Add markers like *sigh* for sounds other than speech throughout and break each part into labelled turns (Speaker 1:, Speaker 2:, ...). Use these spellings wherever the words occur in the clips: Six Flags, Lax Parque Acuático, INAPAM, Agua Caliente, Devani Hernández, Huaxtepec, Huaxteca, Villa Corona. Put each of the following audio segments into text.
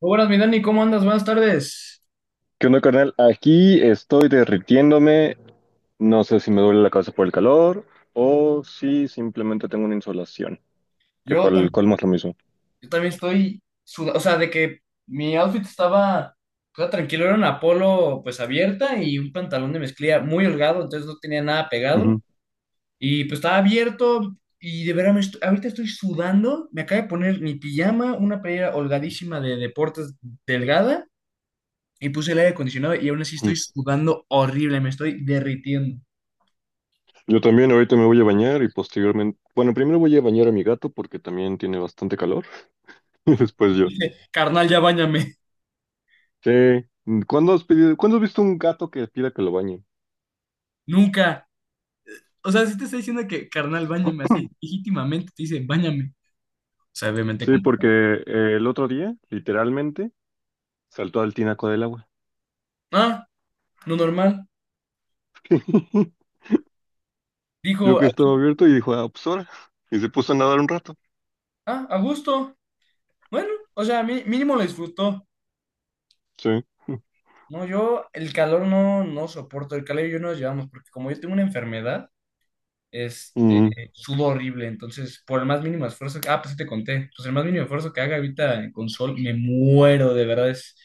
Speaker 1: Muy buenas, mi Dani, ¿cómo andas? Buenas tardes.
Speaker 2: ¿Qué onda, carnal? Aquí estoy derritiéndome. No sé si me duele la cabeza por el calor o si simplemente tengo una insolación, que
Speaker 1: Yo
Speaker 2: para el
Speaker 1: también,
Speaker 2: colmo es lo mismo.
Speaker 1: yo también estoy sudado, o sea, de que mi outfit estaba tranquilo, era una polo pues abierta y un pantalón de mezclilla muy holgado, entonces no tenía nada pegado
Speaker 2: Ujú.
Speaker 1: y pues estaba abierto y de veras ahorita estoy sudando, me acabo de poner mi pijama, una playera holgadísima de deportes delgada y puse el aire acondicionado y aún así
Speaker 2: Mm.
Speaker 1: estoy sudando horrible, me estoy derritiendo.
Speaker 2: Yo también ahorita me voy a bañar y posteriormente, bueno, primero voy a bañar a mi gato porque también tiene bastante calor *laughs* y después yo.
Speaker 1: Carnal, ya báñame.
Speaker 2: Sí. ¿Cuándo has pedido, cuándo has visto un gato que pida que lo bañe?
Speaker 1: *laughs* Nunca. O sea, si te está diciendo que, carnal, báñame así, legítimamente te dice, báñame. O sea, obviamente,
Speaker 2: Sí, porque
Speaker 1: compadre.
Speaker 2: el otro día, literalmente, saltó al tinaco del agua.
Speaker 1: Ah, lo normal.
Speaker 2: *laughs* Yo
Speaker 1: Dijo,
Speaker 2: que
Speaker 1: ah,
Speaker 2: estaba abierto y dijo, ah, pues ahora. Y se puso a nadar un rato.
Speaker 1: ah, a gusto. Bueno, o sea, mínimo lo disfrutó.
Speaker 2: Sí.
Speaker 1: No, yo el calor no soporto. El calor y yo no nos llevamos porque como yo tengo una enfermedad, este,
Speaker 2: Mm,
Speaker 1: subo horrible. Entonces, por el más mínimo esfuerzo que, ah, pues sí te conté, pues el más mínimo esfuerzo que haga ahorita en console, me muero, de verdad, es,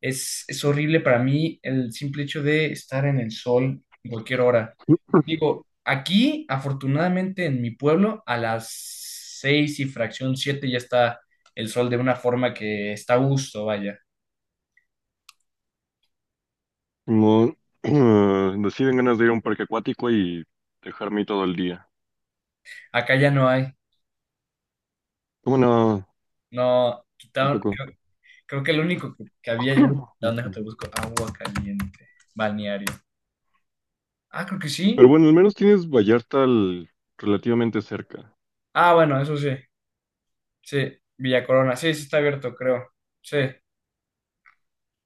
Speaker 1: es, es horrible para mí el simple hecho de estar en el sol en cualquier hora. Digo, aquí, afortunadamente, en mi pueblo, a las seis y fracción siete ya está el sol de una forma que está a gusto, vaya.
Speaker 2: no, *clears throat* deciden ganas de ir a un parque acuático y dejarme ahí todo el día.
Speaker 1: Acá ya no hay.
Speaker 2: Bueno,
Speaker 1: No, quitaron.
Speaker 2: tampoco.
Speaker 1: Creo que el único que había ya lo
Speaker 2: *clears throat*
Speaker 1: quitaron, déjate
Speaker 2: Ujú.
Speaker 1: busco. Agua caliente. Balneario. Ah, creo que sí.
Speaker 2: Pero bueno, al menos tienes Vallarta al- relativamente cerca.
Speaker 1: Ah, bueno, eso sí. Sí. Villa Corona. Sí, sí está abierto, creo. Sí.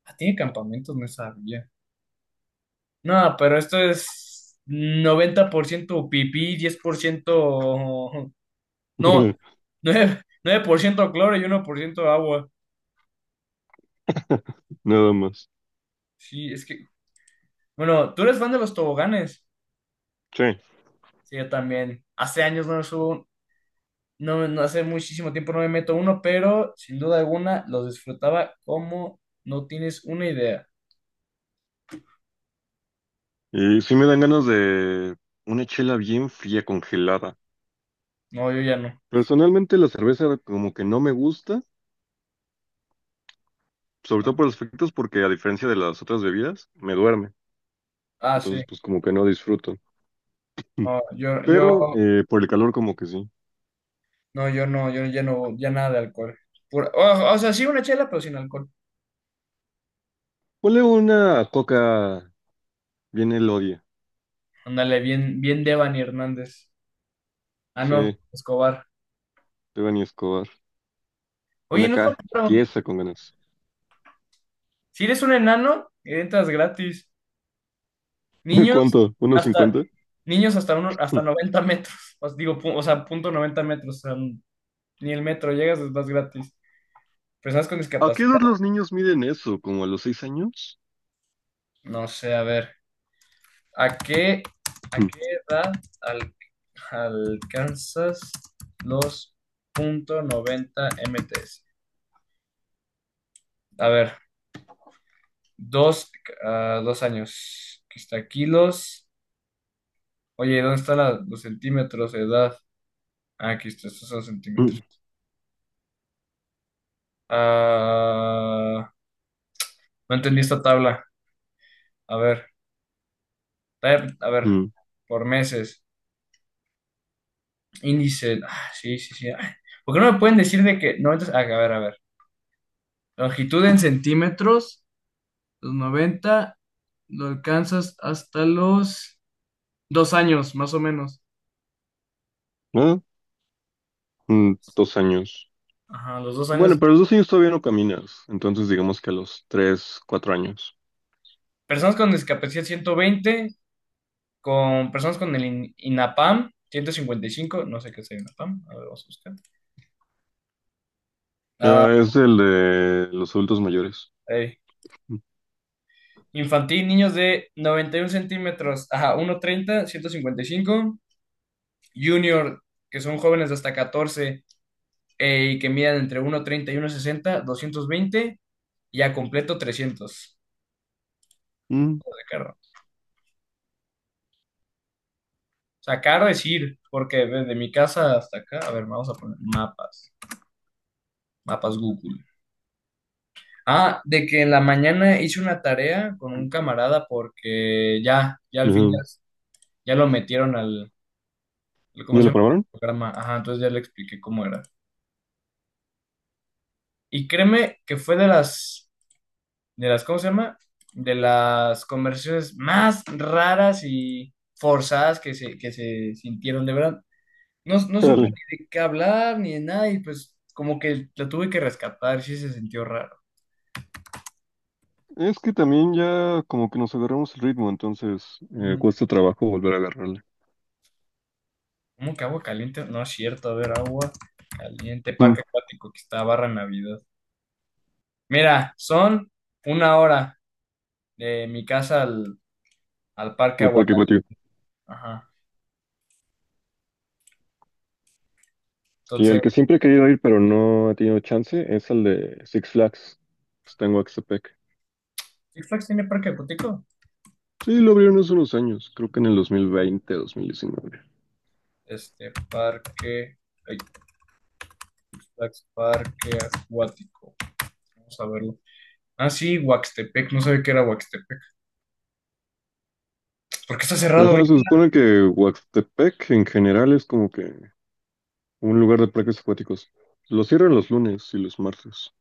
Speaker 1: Ah, tiene campamentos, no sabía. No, pero esto es 90% pipí, 10%. No,
Speaker 2: *laughs*
Speaker 1: nueve por ciento cloro y 1% agua.
Speaker 2: Nada más.
Speaker 1: Sí, es que. Bueno, tú eres fan de los toboganes.
Speaker 2: Sí.
Speaker 1: Sí, yo también. Hace años no subo. No, no hace muchísimo tiempo no me meto uno, pero sin duda alguna los disfrutaba como no tienes una idea.
Speaker 2: Y sí me dan ganas de una chela bien fría, congelada.
Speaker 1: No, yo ya no.
Speaker 2: Personalmente la cerveza como que no me gusta, sobre todo por los efectos, porque a diferencia de las otras bebidas, me duerme.
Speaker 1: Ah, sí.
Speaker 2: Entonces pues como que no disfruto.
Speaker 1: No, yo, yo,
Speaker 2: Pero por el calor como que sí.
Speaker 1: no, yo no, yo ya no, ya nada de alcohol. O sea, sí una chela, pero sin alcohol.
Speaker 2: Ponle una coca bien Elodia.
Speaker 1: Ándale, bien, bien Devani Hernández. Ah, no,
Speaker 2: Sí,
Speaker 1: Escobar.
Speaker 2: Devani Escobar.
Speaker 1: Oye,
Speaker 2: Una
Speaker 1: no está
Speaker 2: K,
Speaker 1: claro.
Speaker 2: tiesa con ganas.
Speaker 1: Si eres un enano, entras gratis.
Speaker 2: *laughs*
Speaker 1: Niños
Speaker 2: ¿Cuánto? ¿Unos
Speaker 1: hasta,
Speaker 2: 50?
Speaker 1: hasta uno, hasta 90 metros. Os digo, o sea, 0.90 metros. O sea, ni el metro llegas, vas gratis. Personas con
Speaker 2: ¿A qué
Speaker 1: discapacidad.
Speaker 2: edad los niños miden eso? ¿Como a los 6 años?
Speaker 1: No sé, a ver. ¿A qué, a
Speaker 2: Mm,
Speaker 1: qué edad al- alcanzas los .90 m? A ver, dos, dos años. Aquí está kilos. Oye, ¿dónde están los centímetros de edad? Ah, aquí está, estos son
Speaker 2: mm,
Speaker 1: centímetros. Ah, no entendí esta tabla. A ver, a ver,
Speaker 2: mm.
Speaker 1: por meses. Índice. Ah, sí, sí, sí. Ay, ¿por qué no me pueden decir de que... No, entonces, ah, a ver, a ver. Longitud en centímetros, los 90 lo alcanzas hasta los 2 años, más o menos.
Speaker 2: ¿Ah? Mm, 2 años.
Speaker 1: Ajá, los dos años.
Speaker 2: Bueno, pero a los 2 años todavía no caminas. Entonces digamos que a los tres, cuatro años.
Speaker 1: Personas con discapacidad, 120; con personas con el INAPAM, 155. No sé qué es el INAPAM, a ver, vamos a buscar. Ah,
Speaker 2: Ah, es el de los adultos mayores.
Speaker 1: eh
Speaker 2: Mm,
Speaker 1: Infantil, niños de 91 centímetros, ajá, 1.30, 155. Junior, que son jóvenes de hasta 14 y que midan entre 1.30 y 1.60, 220, y a completo 300
Speaker 2: mm,
Speaker 1: de carro. O sea, caro es ir, porque desde mi casa hasta acá, a ver, vamos a poner mapas, Google. Ah, de que en la mañana hice una tarea con un camarada porque al fin
Speaker 2: ajá.
Speaker 1: ya lo metieron ¿cómo
Speaker 2: ¿Ya
Speaker 1: se
Speaker 2: lo
Speaker 1: llama?
Speaker 2: probaron?
Speaker 1: Programa. Ajá, entonces ya le expliqué cómo era. Y créeme que fue ¿cómo se llama? De las conversaciones más raras y forzadas que se sintieron, de verdad. No,
Speaker 2: *laughs*
Speaker 1: no supo
Speaker 2: Dale.
Speaker 1: ni de qué hablar ni de nada y pues como que la tuve que rescatar, sí se sintió raro.
Speaker 2: Es que también ya como que nos agarramos el ritmo, entonces
Speaker 1: Ujú.
Speaker 2: cuesta trabajo volver a agarrarlo.
Speaker 1: ¿Cómo que agua caliente? No es cierto, a ver, agua caliente,
Speaker 2: Mm,
Speaker 1: parque acuático que está barra Navidad. Mira, son una hora de mi casa al parque
Speaker 2: el parque
Speaker 1: Aguacaliente.
Speaker 2: acuático.
Speaker 1: Ajá.
Speaker 2: Sí,
Speaker 1: Entonces,
Speaker 2: el que siempre he querido ir, pero no he tenido chance, es el de Six Flags. Pues tengo Axtepec.
Speaker 1: ¿Six Flags tiene parque acuático?
Speaker 2: Sí, lo abrieron hace unos años, creo que en el dos mil veinte, 2019.
Speaker 1: Este parque. Ay, Lax Parque Acuático. Vamos a verlo. Ah, sí, Huaxtepec. No sabía que era Huaxtepec. ¿Por qué está cerrado
Speaker 2: Ajá, se
Speaker 1: ahorita?
Speaker 2: supone que Huastepec en general es como que un lugar de parques acuáticos. Lo cierran los lunes y los martes.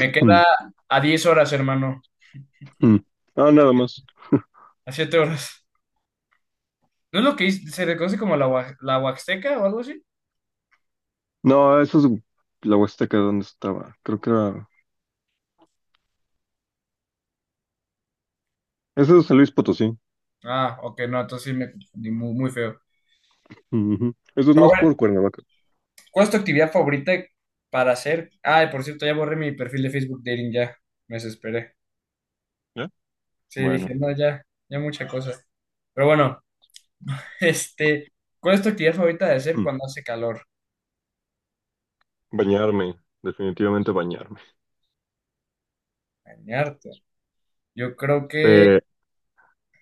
Speaker 1: Me queda
Speaker 2: Mm,
Speaker 1: a 10 horas, hermano.
Speaker 2: mm. Ah, nada más.
Speaker 1: A 7 horas. ¿No es lo que se le conoce como la Huaxteca o algo así?
Speaker 2: No, esa es la Huasteca donde estaba. Creo que era... Ese es San Luis Potosí.
Speaker 1: Ah, ok, no, entonces sí me confundí muy, muy feo.
Speaker 2: Ujú. Eso es
Speaker 1: Pero
Speaker 2: más
Speaker 1: a ver,
Speaker 2: por Cuernavaca.
Speaker 1: ¿cuál es tu actividad favorita para hacer? Ah, por cierto, ya borré mi perfil de Facebook Dating, ya. Me desesperé.
Speaker 2: ¿Eh?
Speaker 1: Sí,
Speaker 2: Bueno.
Speaker 1: dije, no, ya mucha cosa. Pero bueno, *laughs* este, ¿cuál es tu actividad favorita de hacer cuando hace calor?
Speaker 2: Bañarme, definitivamente bañarme.
Speaker 1: Bañarte. Yo creo que
Speaker 2: Eh,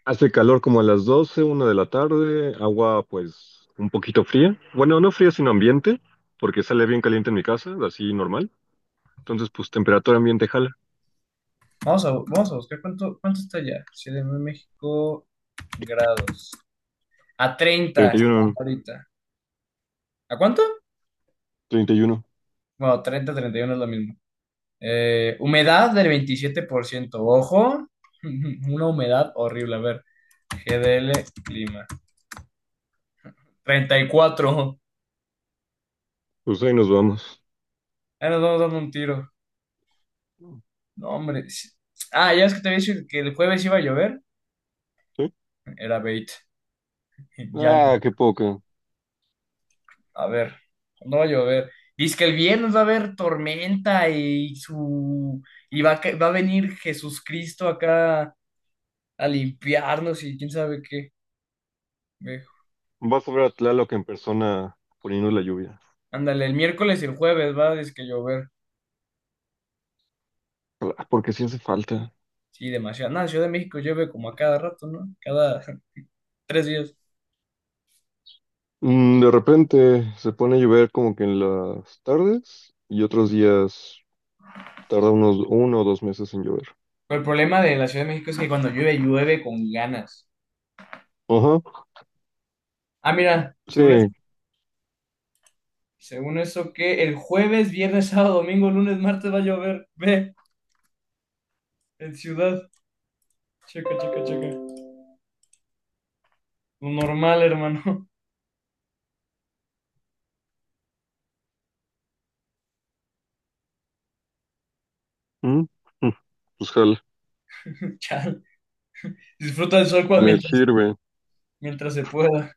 Speaker 2: hace calor como a las 12, una de la tarde, agua pues un poquito fría. Bueno, no fría, sino ambiente, porque sale bien caliente en mi casa, así normal. Entonces, pues temperatura ambiente jala.
Speaker 1: vamos a buscar cuánto está ya. Ciudad de México, grados. A 30 está
Speaker 2: 31,
Speaker 1: ahorita. ¿A cuánto?
Speaker 2: 31.
Speaker 1: Bueno, treinta, 31 es lo mismo. Humedad del 27%. Ojo, *laughs* una humedad horrible. A ver, GDL, clima. 34.
Speaker 2: Pues ahí nos vamos.
Speaker 1: Ahí nos vamos dando un tiro. No, hombre. Sí. Ah, ya es que te había dicho que el jueves iba a llover.
Speaker 2: ¿Sí?
Speaker 1: Era bait. *laughs* Ya no.
Speaker 2: Ah, qué poco.
Speaker 1: A ver, no va a llover. Dice que el viernes va a haber tormenta y su y va a, ca- va a venir Jesucristo acá a limpiarnos y quién sabe qué. Ve,
Speaker 2: Vas a ver a Tlaloc en persona poniendo la lluvia.
Speaker 1: ándale, el miércoles y el jueves va a que llover.
Speaker 2: Ah, porque sí hace falta.
Speaker 1: Sí, demasiado. Nada, Ciudad de México llueve como a cada rato, ¿no? Cada *laughs* 3 días.
Speaker 2: Mm, de repente se pone a llover como que en las tardes y otros días tarda unos uno o dos meses en llover.
Speaker 1: Pero el problema de la Ciudad de México es que cuando llueve, llueve con ganas.
Speaker 2: Ajá,
Speaker 1: Ah, mira, según eso,
Speaker 2: sí.
Speaker 1: que el jueves, viernes, sábado, domingo, lunes, martes va a llover. Ve, en ciudad. Checa, checa, checa. Normal, hermano.
Speaker 2: ¿Mm? Mm. Pues jala,
Speaker 1: *laughs* Chal. Disfruta del sol cuando,
Speaker 2: me
Speaker 1: mientras,
Speaker 2: sirve.
Speaker 1: mientras se pueda.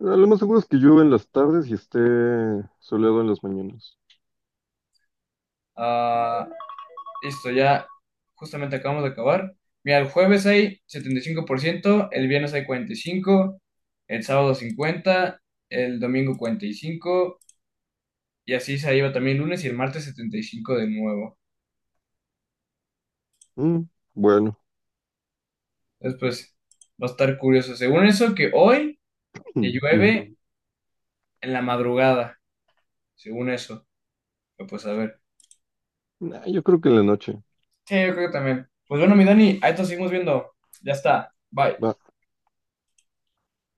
Speaker 2: Ah, lo más seguro es que llueva en las tardes y esté soleado en las mañanas.
Speaker 1: Ah, listo, ya justamente acabamos de acabar. Mira, el jueves hay 75%, el viernes hay 45%, el sábado 50%, el domingo 45%, y así se iba también el lunes y el martes 75% de nuevo.
Speaker 2: Mm, bueno,
Speaker 1: Después va a estar curioso. Según eso, que hoy te
Speaker 2: mm, mm.
Speaker 1: llueve en la madrugada, según eso. Pero, pues a ver.
Speaker 2: Nah, yo creo que en la noche.
Speaker 1: Sí, yo creo que también. Pues bueno, mi Dani, ahí te seguimos viendo. Ya está. Bye.
Speaker 2: Va.